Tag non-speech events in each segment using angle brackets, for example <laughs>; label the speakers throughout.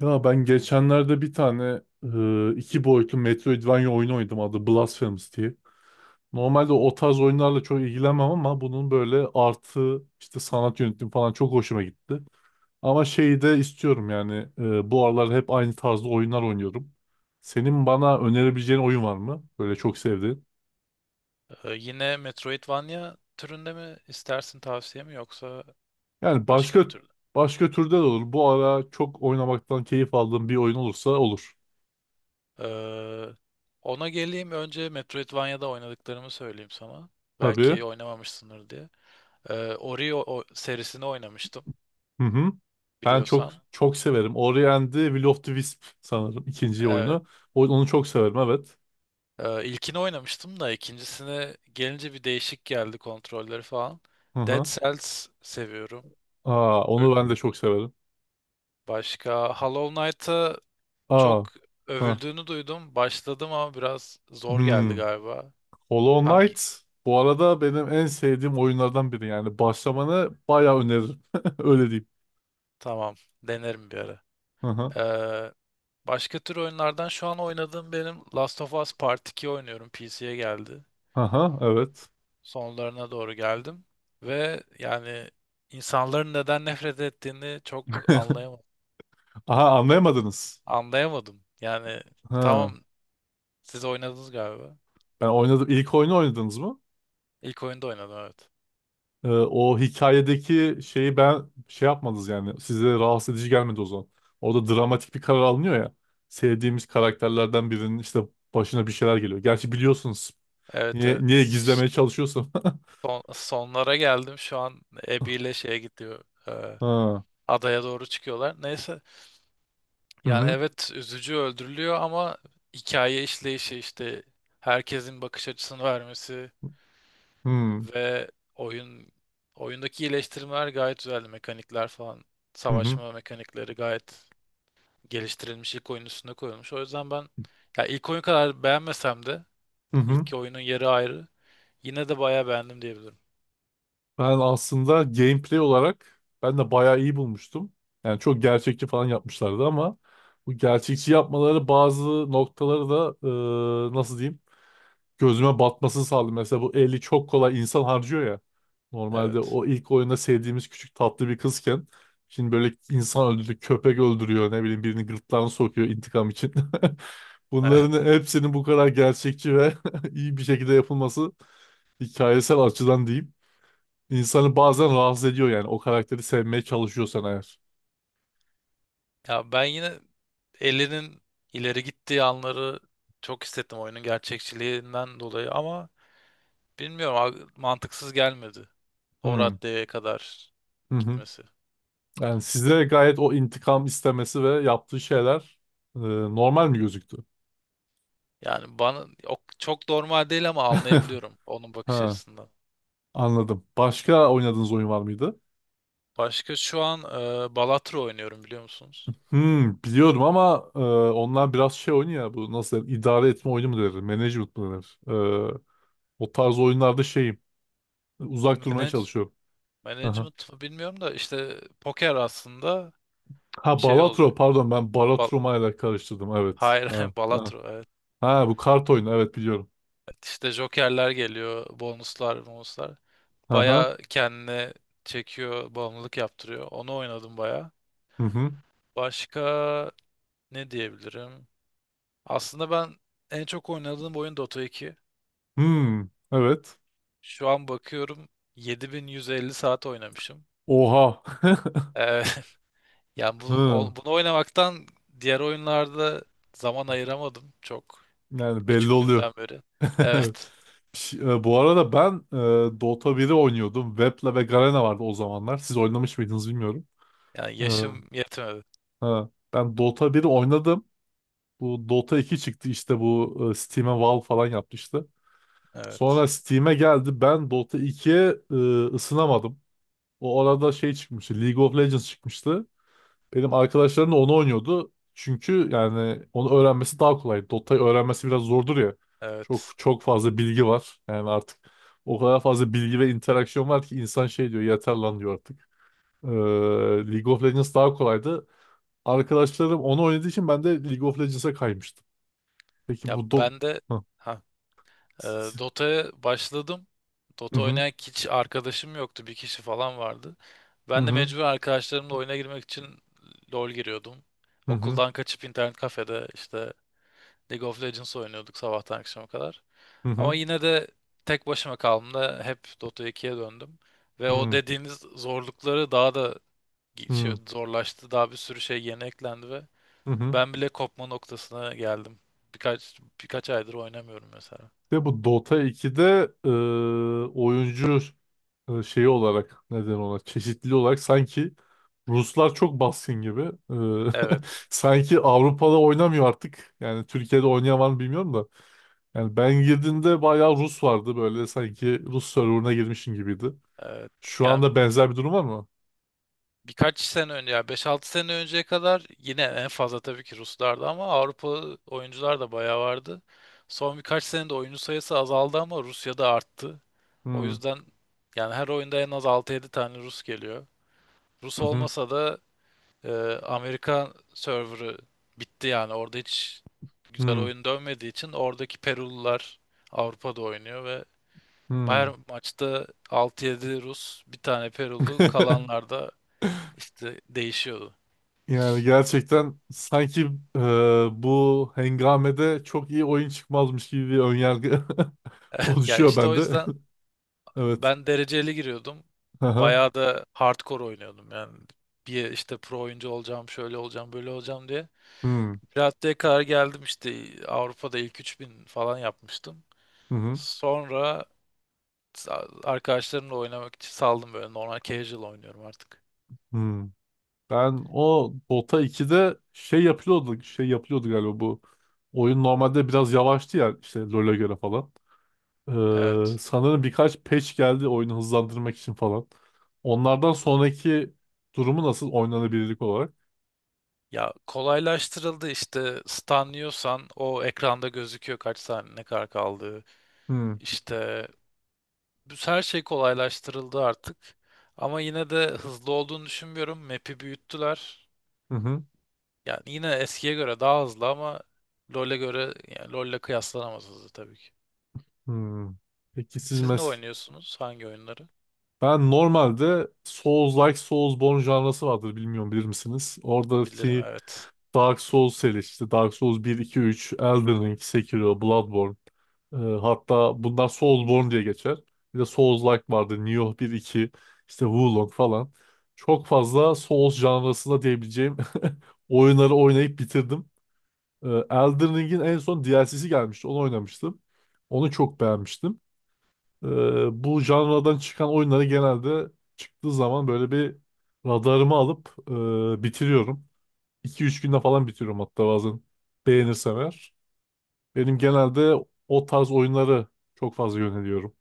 Speaker 1: Ya ben geçenlerde bir tane iki boyutlu Metroidvania oyunu oynadım adı Blasphemous diye. Normalde o tarz oyunlarla çok ilgilenmem ama bunun böyle artı işte sanat yönetimi falan çok hoşuma gitti. Ama şeyi de istiyorum yani bu aralar hep aynı tarzda oyunlar oynuyorum. Senin bana önerebileceğin oyun var mı? Böyle çok sevdiğin.
Speaker 2: Yine Metroidvania türünde mi istersin tavsiye mi yoksa
Speaker 1: Yani
Speaker 2: başka
Speaker 1: başka
Speaker 2: bir türlü?
Speaker 1: başka türde de olur. Bu ara çok oynamaktan keyif aldığım bir oyun olursa olur.
Speaker 2: Ee, Ona geleyim önce Metroidvania'da oynadıklarımı söyleyeyim sana.
Speaker 1: Tabii.
Speaker 2: Belki oynamamışsındır diye. Ori o serisini oynamıştım
Speaker 1: Hı hı. Ben çok
Speaker 2: biliyorsan.
Speaker 1: çok severim. Ori and the Will of the Wisp sanırım ikinci
Speaker 2: Evet.
Speaker 1: oyunu. Onu çok severim, evet.
Speaker 2: İlkini oynamıştım da ikincisine gelince bir değişik geldi kontrolleri falan.
Speaker 1: Hı
Speaker 2: Dead
Speaker 1: hı.
Speaker 2: Cells seviyorum.
Speaker 1: Aa,
Speaker 2: Ö-
Speaker 1: onu ben de çok severim.
Speaker 2: Başka Hollow Knight'a çok
Speaker 1: Aa, hı.
Speaker 2: övüldüğünü duydum. Başladım ama biraz zor
Speaker 1: Hmm.
Speaker 2: geldi galiba.
Speaker 1: Hollow
Speaker 2: Tam,
Speaker 1: Knight bu arada benim en sevdiğim oyunlardan biri yani. Başlamanı bayağı öneririm. <laughs> Öyle diyeyim.
Speaker 2: tamam. Denerim bir ara.
Speaker 1: Hı hı.
Speaker 2: Ee, Başka tür oyunlardan şu an oynadığım benim Last of Us Part 2 oynuyorum. PC'ye geldi.
Speaker 1: Hı, evet.
Speaker 2: Sonlarına doğru geldim. Ve yani insanların neden nefret ettiğini çok anlayamadım.
Speaker 1: Aha, anlayamadınız.
Speaker 2: Anlayamadım. Yani
Speaker 1: Hı.
Speaker 2: tamam, siz oynadınız galiba.
Speaker 1: Ben oynadım. İlk oyunu oynadınız mı?
Speaker 2: İlk oyunda oynadım, evet.
Speaker 1: O hikayedeki şeyi ben şey yapmadınız yani. Size rahatsız edici gelmedi o zaman. Orada dramatik bir karar alınıyor ya. Sevdiğimiz karakterlerden birinin işte başına bir şeyler geliyor. Gerçi biliyorsunuz.
Speaker 2: Evet,
Speaker 1: Niye
Speaker 2: evet.
Speaker 1: gizlemeye çalışıyorsun? <laughs>
Speaker 2: Sonlara geldim. Şu an Abby ile şeye gidiyor.
Speaker 1: Ha.
Speaker 2: Adaya doğru çıkıyorlar. Neyse,
Speaker 1: Hı
Speaker 2: yani
Speaker 1: hı.
Speaker 2: evet, üzücü, öldürülüyor ama hikaye işleyişi, işte herkesin bakış açısını vermesi
Speaker 1: Hı hı.
Speaker 2: ve oyundaki iyileştirmeler gayet güzeldi. Mekanikler falan, savaşma mekanikleri gayet geliştirilmiş, ilk oyunun üstüne koyulmuş. O yüzden ben, ya ilk oyun kadar beğenmesem de
Speaker 1: Hı hı.
Speaker 2: ilk oyunun yeri ayrı. Yine de bayağı beğendim diyebilirim.
Speaker 1: Ben aslında gameplay olarak ben de bayağı iyi bulmuştum. Yani çok gerçekçi falan yapmışlardı ama bu gerçekçi yapmaları bazı noktaları da nasıl diyeyim? Gözüme batmasını sağladı. Mesela bu eli çok kolay insan harcıyor ya. Normalde
Speaker 2: Evet.
Speaker 1: o ilk oyunda sevdiğimiz küçük tatlı bir kızken şimdi böyle insan öldürdü, köpek öldürüyor, ne bileyim birini gırtlağına sokuyor intikam için. <laughs>
Speaker 2: <laughs> Evet.
Speaker 1: Bunların hepsinin bu kadar gerçekçi ve <laughs> iyi bir şekilde yapılması hikayesel açıdan diyeyim. İnsanı bazen rahatsız ediyor yani o karakteri sevmeye çalışıyorsan eğer.
Speaker 2: Ya ben yine Ellie'nin ileri gittiği anları çok hissettim oyunun gerçekçiliğinden dolayı ama bilmiyorum abi, mantıksız gelmedi. O
Speaker 1: Hmm.
Speaker 2: raddeye kadar
Speaker 1: Hı hı.
Speaker 2: gitmesi.
Speaker 1: Yani size gayet o intikam istemesi ve yaptığı şeyler normal mi gözüktü?
Speaker 2: Yani bana o çok normal değil ama
Speaker 1: <laughs>
Speaker 2: anlayabiliyorum onun bakış
Speaker 1: Ha.
Speaker 2: açısından.
Speaker 1: Anladım. Başka oynadığınız oyun var mıydı?
Speaker 2: Başka şu an Balatro oynuyorum, biliyor musunuz?
Speaker 1: Hmm, biliyorum ama onlar biraz şey oyunu ya, bu nasıl denir? İdare etme oyunu mu denir? Management mı denir? E, o tarz oyunlarda şeyim. Uzak durmaya
Speaker 2: Manage,
Speaker 1: çalışıyorum. Aha.
Speaker 2: Management mı bilmiyorum da işte poker aslında
Speaker 1: Ha,
Speaker 2: şey oluyor.
Speaker 1: Balatro, pardon, ben
Speaker 2: Bal-
Speaker 1: Balatroma ile karıştırdım, evet.
Speaker 2: Hayır,
Speaker 1: Ha,
Speaker 2: <laughs>
Speaker 1: ha.
Speaker 2: Balatro, evet.
Speaker 1: Ha, bu kart oyunu, evet biliyorum.
Speaker 2: İşte jokerler geliyor, bonuslar, bonuslar.
Speaker 1: Aha.
Speaker 2: Baya kendine çekiyor, bağımlılık yaptırıyor. Onu oynadım baya.
Speaker 1: Hı hı.
Speaker 2: Başka ne diyebilirim? Aslında ben en çok oynadığım oyun Dota 2.
Speaker 1: Hmm, evet.
Speaker 2: Şu an bakıyorum, 7.150 saat oynamışım.
Speaker 1: Oha. <laughs>
Speaker 2: Ee, <laughs> Yani bu
Speaker 1: Hı.
Speaker 2: o- bunu oynamaktan diğer oyunlarda zaman ayıramadım çok,
Speaker 1: Yani belli oluyor.
Speaker 2: küçüklüğümden beri.
Speaker 1: <laughs>
Speaker 2: Evet.
Speaker 1: Bu arada ben Dota biri oynuyordum. Vepla ve Garena vardı o zamanlar. Siz oynamış mıydınız bilmiyorum.
Speaker 2: Yani
Speaker 1: E,
Speaker 2: yaşım yetmedi.
Speaker 1: ha, ben Dota biri oynadım. Bu Dota iki çıktı işte, bu Steam'e Valve falan yapmıştı.
Speaker 2: Evet.
Speaker 1: Sonra Steam'e geldi. Ben Dota ikiye ısınamadım. O arada şey çıkmıştı. League of Legends çıkmıştı. Benim arkadaşlarım da onu oynuyordu. Çünkü yani onu öğrenmesi daha kolay. Dota'yı öğrenmesi biraz zordur ya. Çok
Speaker 2: Evet.
Speaker 1: çok fazla bilgi var. Yani artık o kadar fazla bilgi ve interaksiyon var ki insan şey diyor, yeter lan diyor artık. Ee, League of Legends daha kolaydı. Arkadaşlarım onu oynadığı için ben de League of Legends'a kaymıştım. Peki
Speaker 2: Ya
Speaker 1: bu do...
Speaker 2: ben de.
Speaker 1: Hı
Speaker 2: <laughs> Ee, Dota'ya başladım. Dota
Speaker 1: hı
Speaker 2: oynayan hiç arkadaşım yoktu. Bir kişi falan vardı.
Speaker 1: hı
Speaker 2: Ben de
Speaker 1: hı
Speaker 2: mecbur arkadaşlarımla oyuna girmek için LoL giriyordum.
Speaker 1: hı hı
Speaker 2: Okuldan kaçıp internet kafede işte League of Legends oynuyorduk sabahtan akşama kadar.
Speaker 1: hı
Speaker 2: Ama yine de tek başıma kaldığımda hep Dota 2'ye döndüm. Ve o
Speaker 1: hı
Speaker 2: dediğiniz zorlukları daha da
Speaker 1: hı hı.
Speaker 2: zorlaştı. Daha bir sürü şey yeni eklendi ve
Speaker 1: Hı.
Speaker 2: ben bile kopma noktasına geldim. Birkaç aydır oynamıyorum mesela.
Speaker 1: Ve bu Dota 2'de oyuncu şeyi olarak neden ona çeşitli olarak sanki Ruslar çok baskın gibi. E,
Speaker 2: Evet.
Speaker 1: <laughs> Sanki Avrupa'da oynamıyor artık. Yani Türkiye'de oynayan var mı bilmiyorum da. Yani ben girdiğimde bayağı Rus vardı, böyle sanki Rus serverına girmişim gibiydi.
Speaker 2: Evet,
Speaker 1: Şu
Speaker 2: yani
Speaker 1: anda benzer bir durum var mı?
Speaker 2: birkaç sene önce, ya 5-6 sene önceye kadar yine en fazla tabii ki Ruslardı ama Avrupa oyuncular da bayağı vardı. Son birkaç senede oyuncu sayısı azaldı ama Rusya'da arttı. O
Speaker 1: Hmm.
Speaker 2: yüzden yani her oyunda en az 6-7 tane Rus geliyor. Rus
Speaker 1: Hı hı.
Speaker 2: olmasa da e, Amerikan serverı bitti, yani orada hiç güzel
Speaker 1: Hmm.
Speaker 2: oyun dönmediği için oradaki Perulular Avrupa'da oynuyor ve
Speaker 1: Hmm.
Speaker 2: her maçta 6-7 Rus, bir tane Perulu, kalanlar
Speaker 1: <laughs>
Speaker 2: da İşte değişiyordu.
Speaker 1: Yani gerçekten sanki e, bu hengamede çok iyi oyun çıkmazmış gibi bir önyargı <laughs>
Speaker 2: <laughs> Ya
Speaker 1: oluşuyor
Speaker 2: işte o
Speaker 1: bende. <laughs>
Speaker 2: yüzden
Speaker 1: Evet.
Speaker 2: ben dereceli giriyordum.
Speaker 1: Aha.
Speaker 2: Bayağı da hardcore oynuyordum yani. Bir işte pro oyuncu olacağım, şöyle olacağım, böyle olacağım diye.
Speaker 1: Hmm.
Speaker 2: Pirate'ye kadar geldim, işte Avrupa'da ilk 3.000 falan yapmıştım.
Speaker 1: Hı hı.
Speaker 2: Sonra arkadaşlarımla oynamak için saldım, böyle normal casual oynuyorum artık.
Speaker 1: Hı. Ben o Dota 2'de şey yapılıyordu, şey yapılıyordu galiba bu. Oyun normalde biraz yavaştı ya işte LoL'e göre falan. Ee,
Speaker 2: Evet.
Speaker 1: sanırım birkaç patch geldi oyunu hızlandırmak için falan. Onlardan sonraki durumu nasıl oynanabilirlik olarak?
Speaker 2: Ya kolaylaştırıldı, işte stunlıyorsan o ekranda gözüküyor kaç saniye ne kadar kaldığı.
Speaker 1: Hı
Speaker 2: İşte bu her şey kolaylaştırıldı artık. Ama yine de hızlı olduğunu düşünmüyorum. Map'i büyüttüler.
Speaker 1: hı hı.
Speaker 2: Yani yine eskiye göre daha hızlı ama LoL'e göre, yani LoL'le kıyaslanamaz, hızlı tabii ki.
Speaker 1: Hı. Peki siz
Speaker 2: Siz ne
Speaker 1: mes
Speaker 2: oynuyorsunuz? Hangi oyunları?
Speaker 1: ben normalde Souls-like, Soulsborne janrası vardır, bilmiyorum, bilir misiniz?
Speaker 2: Bilirim,
Speaker 1: Oradaki
Speaker 2: evet.
Speaker 1: Dark Souls serisi işte, Dark Souls bir 2 üç, Elden Ring, Sekiro, Bloodborne. Hatta bunlar Soulsborne diye geçer. Bir de Souls-like vardı. Nioh bir iki. İşte Wulong falan. Çok fazla Souls janrasında diyebileceğim <laughs> oyunları oynayıp bitirdim. Elden Ring'in en son DLC'si gelmişti. Onu oynamıştım. Onu çok beğenmiştim. Ee, bu janradan çıkan oyunları genelde çıktığı zaman böyle bir radarımı alıp bitiriyorum. 2 üç günde falan bitiriyorum hatta bazen, beğenirsem eğer.
Speaker 2: Hı
Speaker 1: Benim
Speaker 2: hı.
Speaker 1: genelde o tarz oyunları çok fazla yöneliyorum.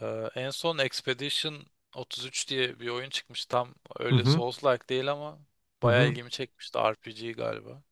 Speaker 2: En son Expedition 33 diye bir oyun çıkmış. Tam
Speaker 1: Hı
Speaker 2: öyle
Speaker 1: hı.
Speaker 2: Souls-like değil ama
Speaker 1: Hı
Speaker 2: bayağı
Speaker 1: hı.
Speaker 2: ilgimi çekmişti. RPG galiba.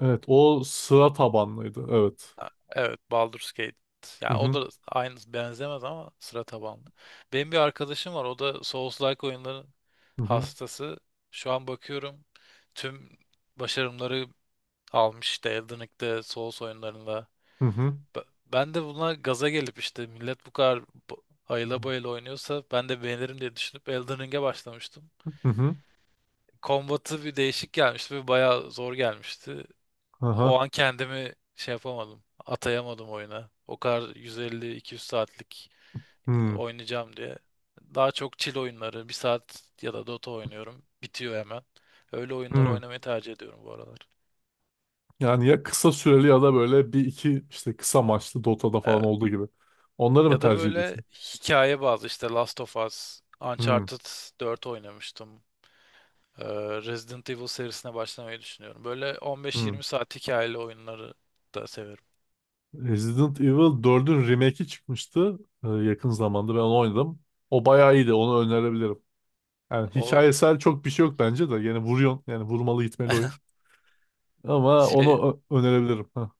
Speaker 1: Evet, o sıra tabanlıydı. Evet.
Speaker 2: Evet, Baldur's Gate.
Speaker 1: Hı
Speaker 2: Ya o
Speaker 1: hı.
Speaker 2: da aynı, benzemez ama sıra tabanlı. Benim bir arkadaşım var. O da Souls-like oyunların
Speaker 1: Hı hı.
Speaker 2: hastası. Şu an bakıyorum, tüm başarımları almış işte Elden Ring'de, Souls oyunlarında.
Speaker 1: Hı hı.
Speaker 2: Ben de buna gaza gelip işte millet bu kadar bu- ayıla bayıla oynuyorsa ben de beğenirim diye düşünüp Elden Ring'e başlamıştım.
Speaker 1: Hı hı.
Speaker 2: Kombatı bir değişik gelmişti ve bayağı zor gelmişti.
Speaker 1: Aha.
Speaker 2: O an kendimi şey yapamadım, atayamadım oyuna. O kadar 150-200 saatlik
Speaker 1: Hı.
Speaker 2: oynayacağım diye. Daha çok chill oyunları, bir saat ya da Dota oynuyorum. Bitiyor hemen. Öyle oyunları
Speaker 1: Hı.
Speaker 2: oynamayı tercih ediyorum bu aralar.
Speaker 1: Yani ya kısa süreli ya da böyle bir iki işte kısa maçlı Dota'da falan
Speaker 2: Evet.
Speaker 1: olduğu gibi. Onları mı
Speaker 2: Ya da
Speaker 1: tercih
Speaker 2: böyle
Speaker 1: ediyorsun?
Speaker 2: hikaye bazı, işte Last of Us,
Speaker 1: Hı.
Speaker 2: Uncharted 4 oynamıştım. Ee, Resident Evil serisine başlamayı düşünüyorum. Böyle
Speaker 1: Hı.
Speaker 2: 15-20 saat hikayeli oyunları da severim.
Speaker 1: Resident Evil dördün remake'i çıkmıştı, yakın zamanda ben onu oynadım. O bayağı iyiydi. Onu önerebilirim. Yani
Speaker 2: O
Speaker 1: hikayesel çok bir şey yok bence de. Yani vuruyorsun. Yani vurmalı gitmeli oyun. Ama
Speaker 2: şey,
Speaker 1: onu önerebilirim. Ha.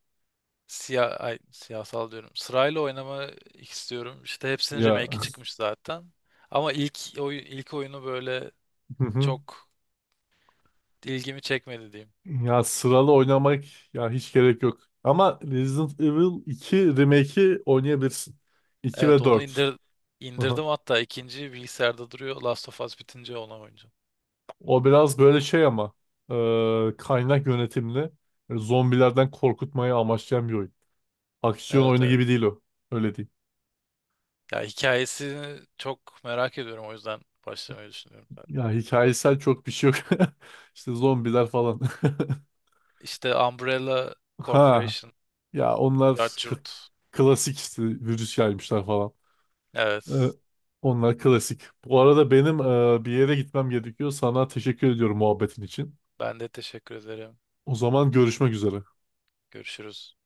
Speaker 2: Siyasal diyorum. Sırayla oynamak istiyorum. İşte hepsinin
Speaker 1: Ya.
Speaker 2: remake'i
Speaker 1: <laughs>
Speaker 2: çıkmış zaten. Ama ilk oyunu böyle
Speaker 1: Hı hı.
Speaker 2: çok ilgimi çekmedi diyeyim.
Speaker 1: Ya sıralı oynamak ya hiç gerek yok. Ama Resident Evil 2 remake'i oynayabilirsin. İki
Speaker 2: Evet,
Speaker 1: ve
Speaker 2: onu
Speaker 1: dört.
Speaker 2: indir
Speaker 1: Hı hı.
Speaker 2: indirdim hatta, ikinci bilgisayarda duruyor. Last of Us bitince ona oynayacağım.
Speaker 1: O biraz böyle şey ama kaynak yönetimli. Böyle zombilerden korkutmayı amaçlayan bir oyun. Aksiyon
Speaker 2: Evet,
Speaker 1: oyunu
Speaker 2: evet.
Speaker 1: gibi değil o. Öyle değil.
Speaker 2: Ya hikayesini çok merak ediyorum, o yüzden başlamayı düşünüyorum zaten.
Speaker 1: Ya hikayesel çok bir şey yok. <laughs> İşte zombiler falan. <laughs>
Speaker 2: İşte Umbrella
Speaker 1: Ha,
Speaker 2: Corporation,
Speaker 1: ya onlar
Speaker 2: Judge.
Speaker 1: klasik işte, virüs yaymışlar falan. Ee,
Speaker 2: Evet.
Speaker 1: Onlar klasik. Bu arada benim bir yere gitmem gerekiyor. Sana teşekkür ediyorum muhabbetin için.
Speaker 2: Ben de teşekkür ederim.
Speaker 1: O zaman görüşmek üzere.
Speaker 2: Görüşürüz.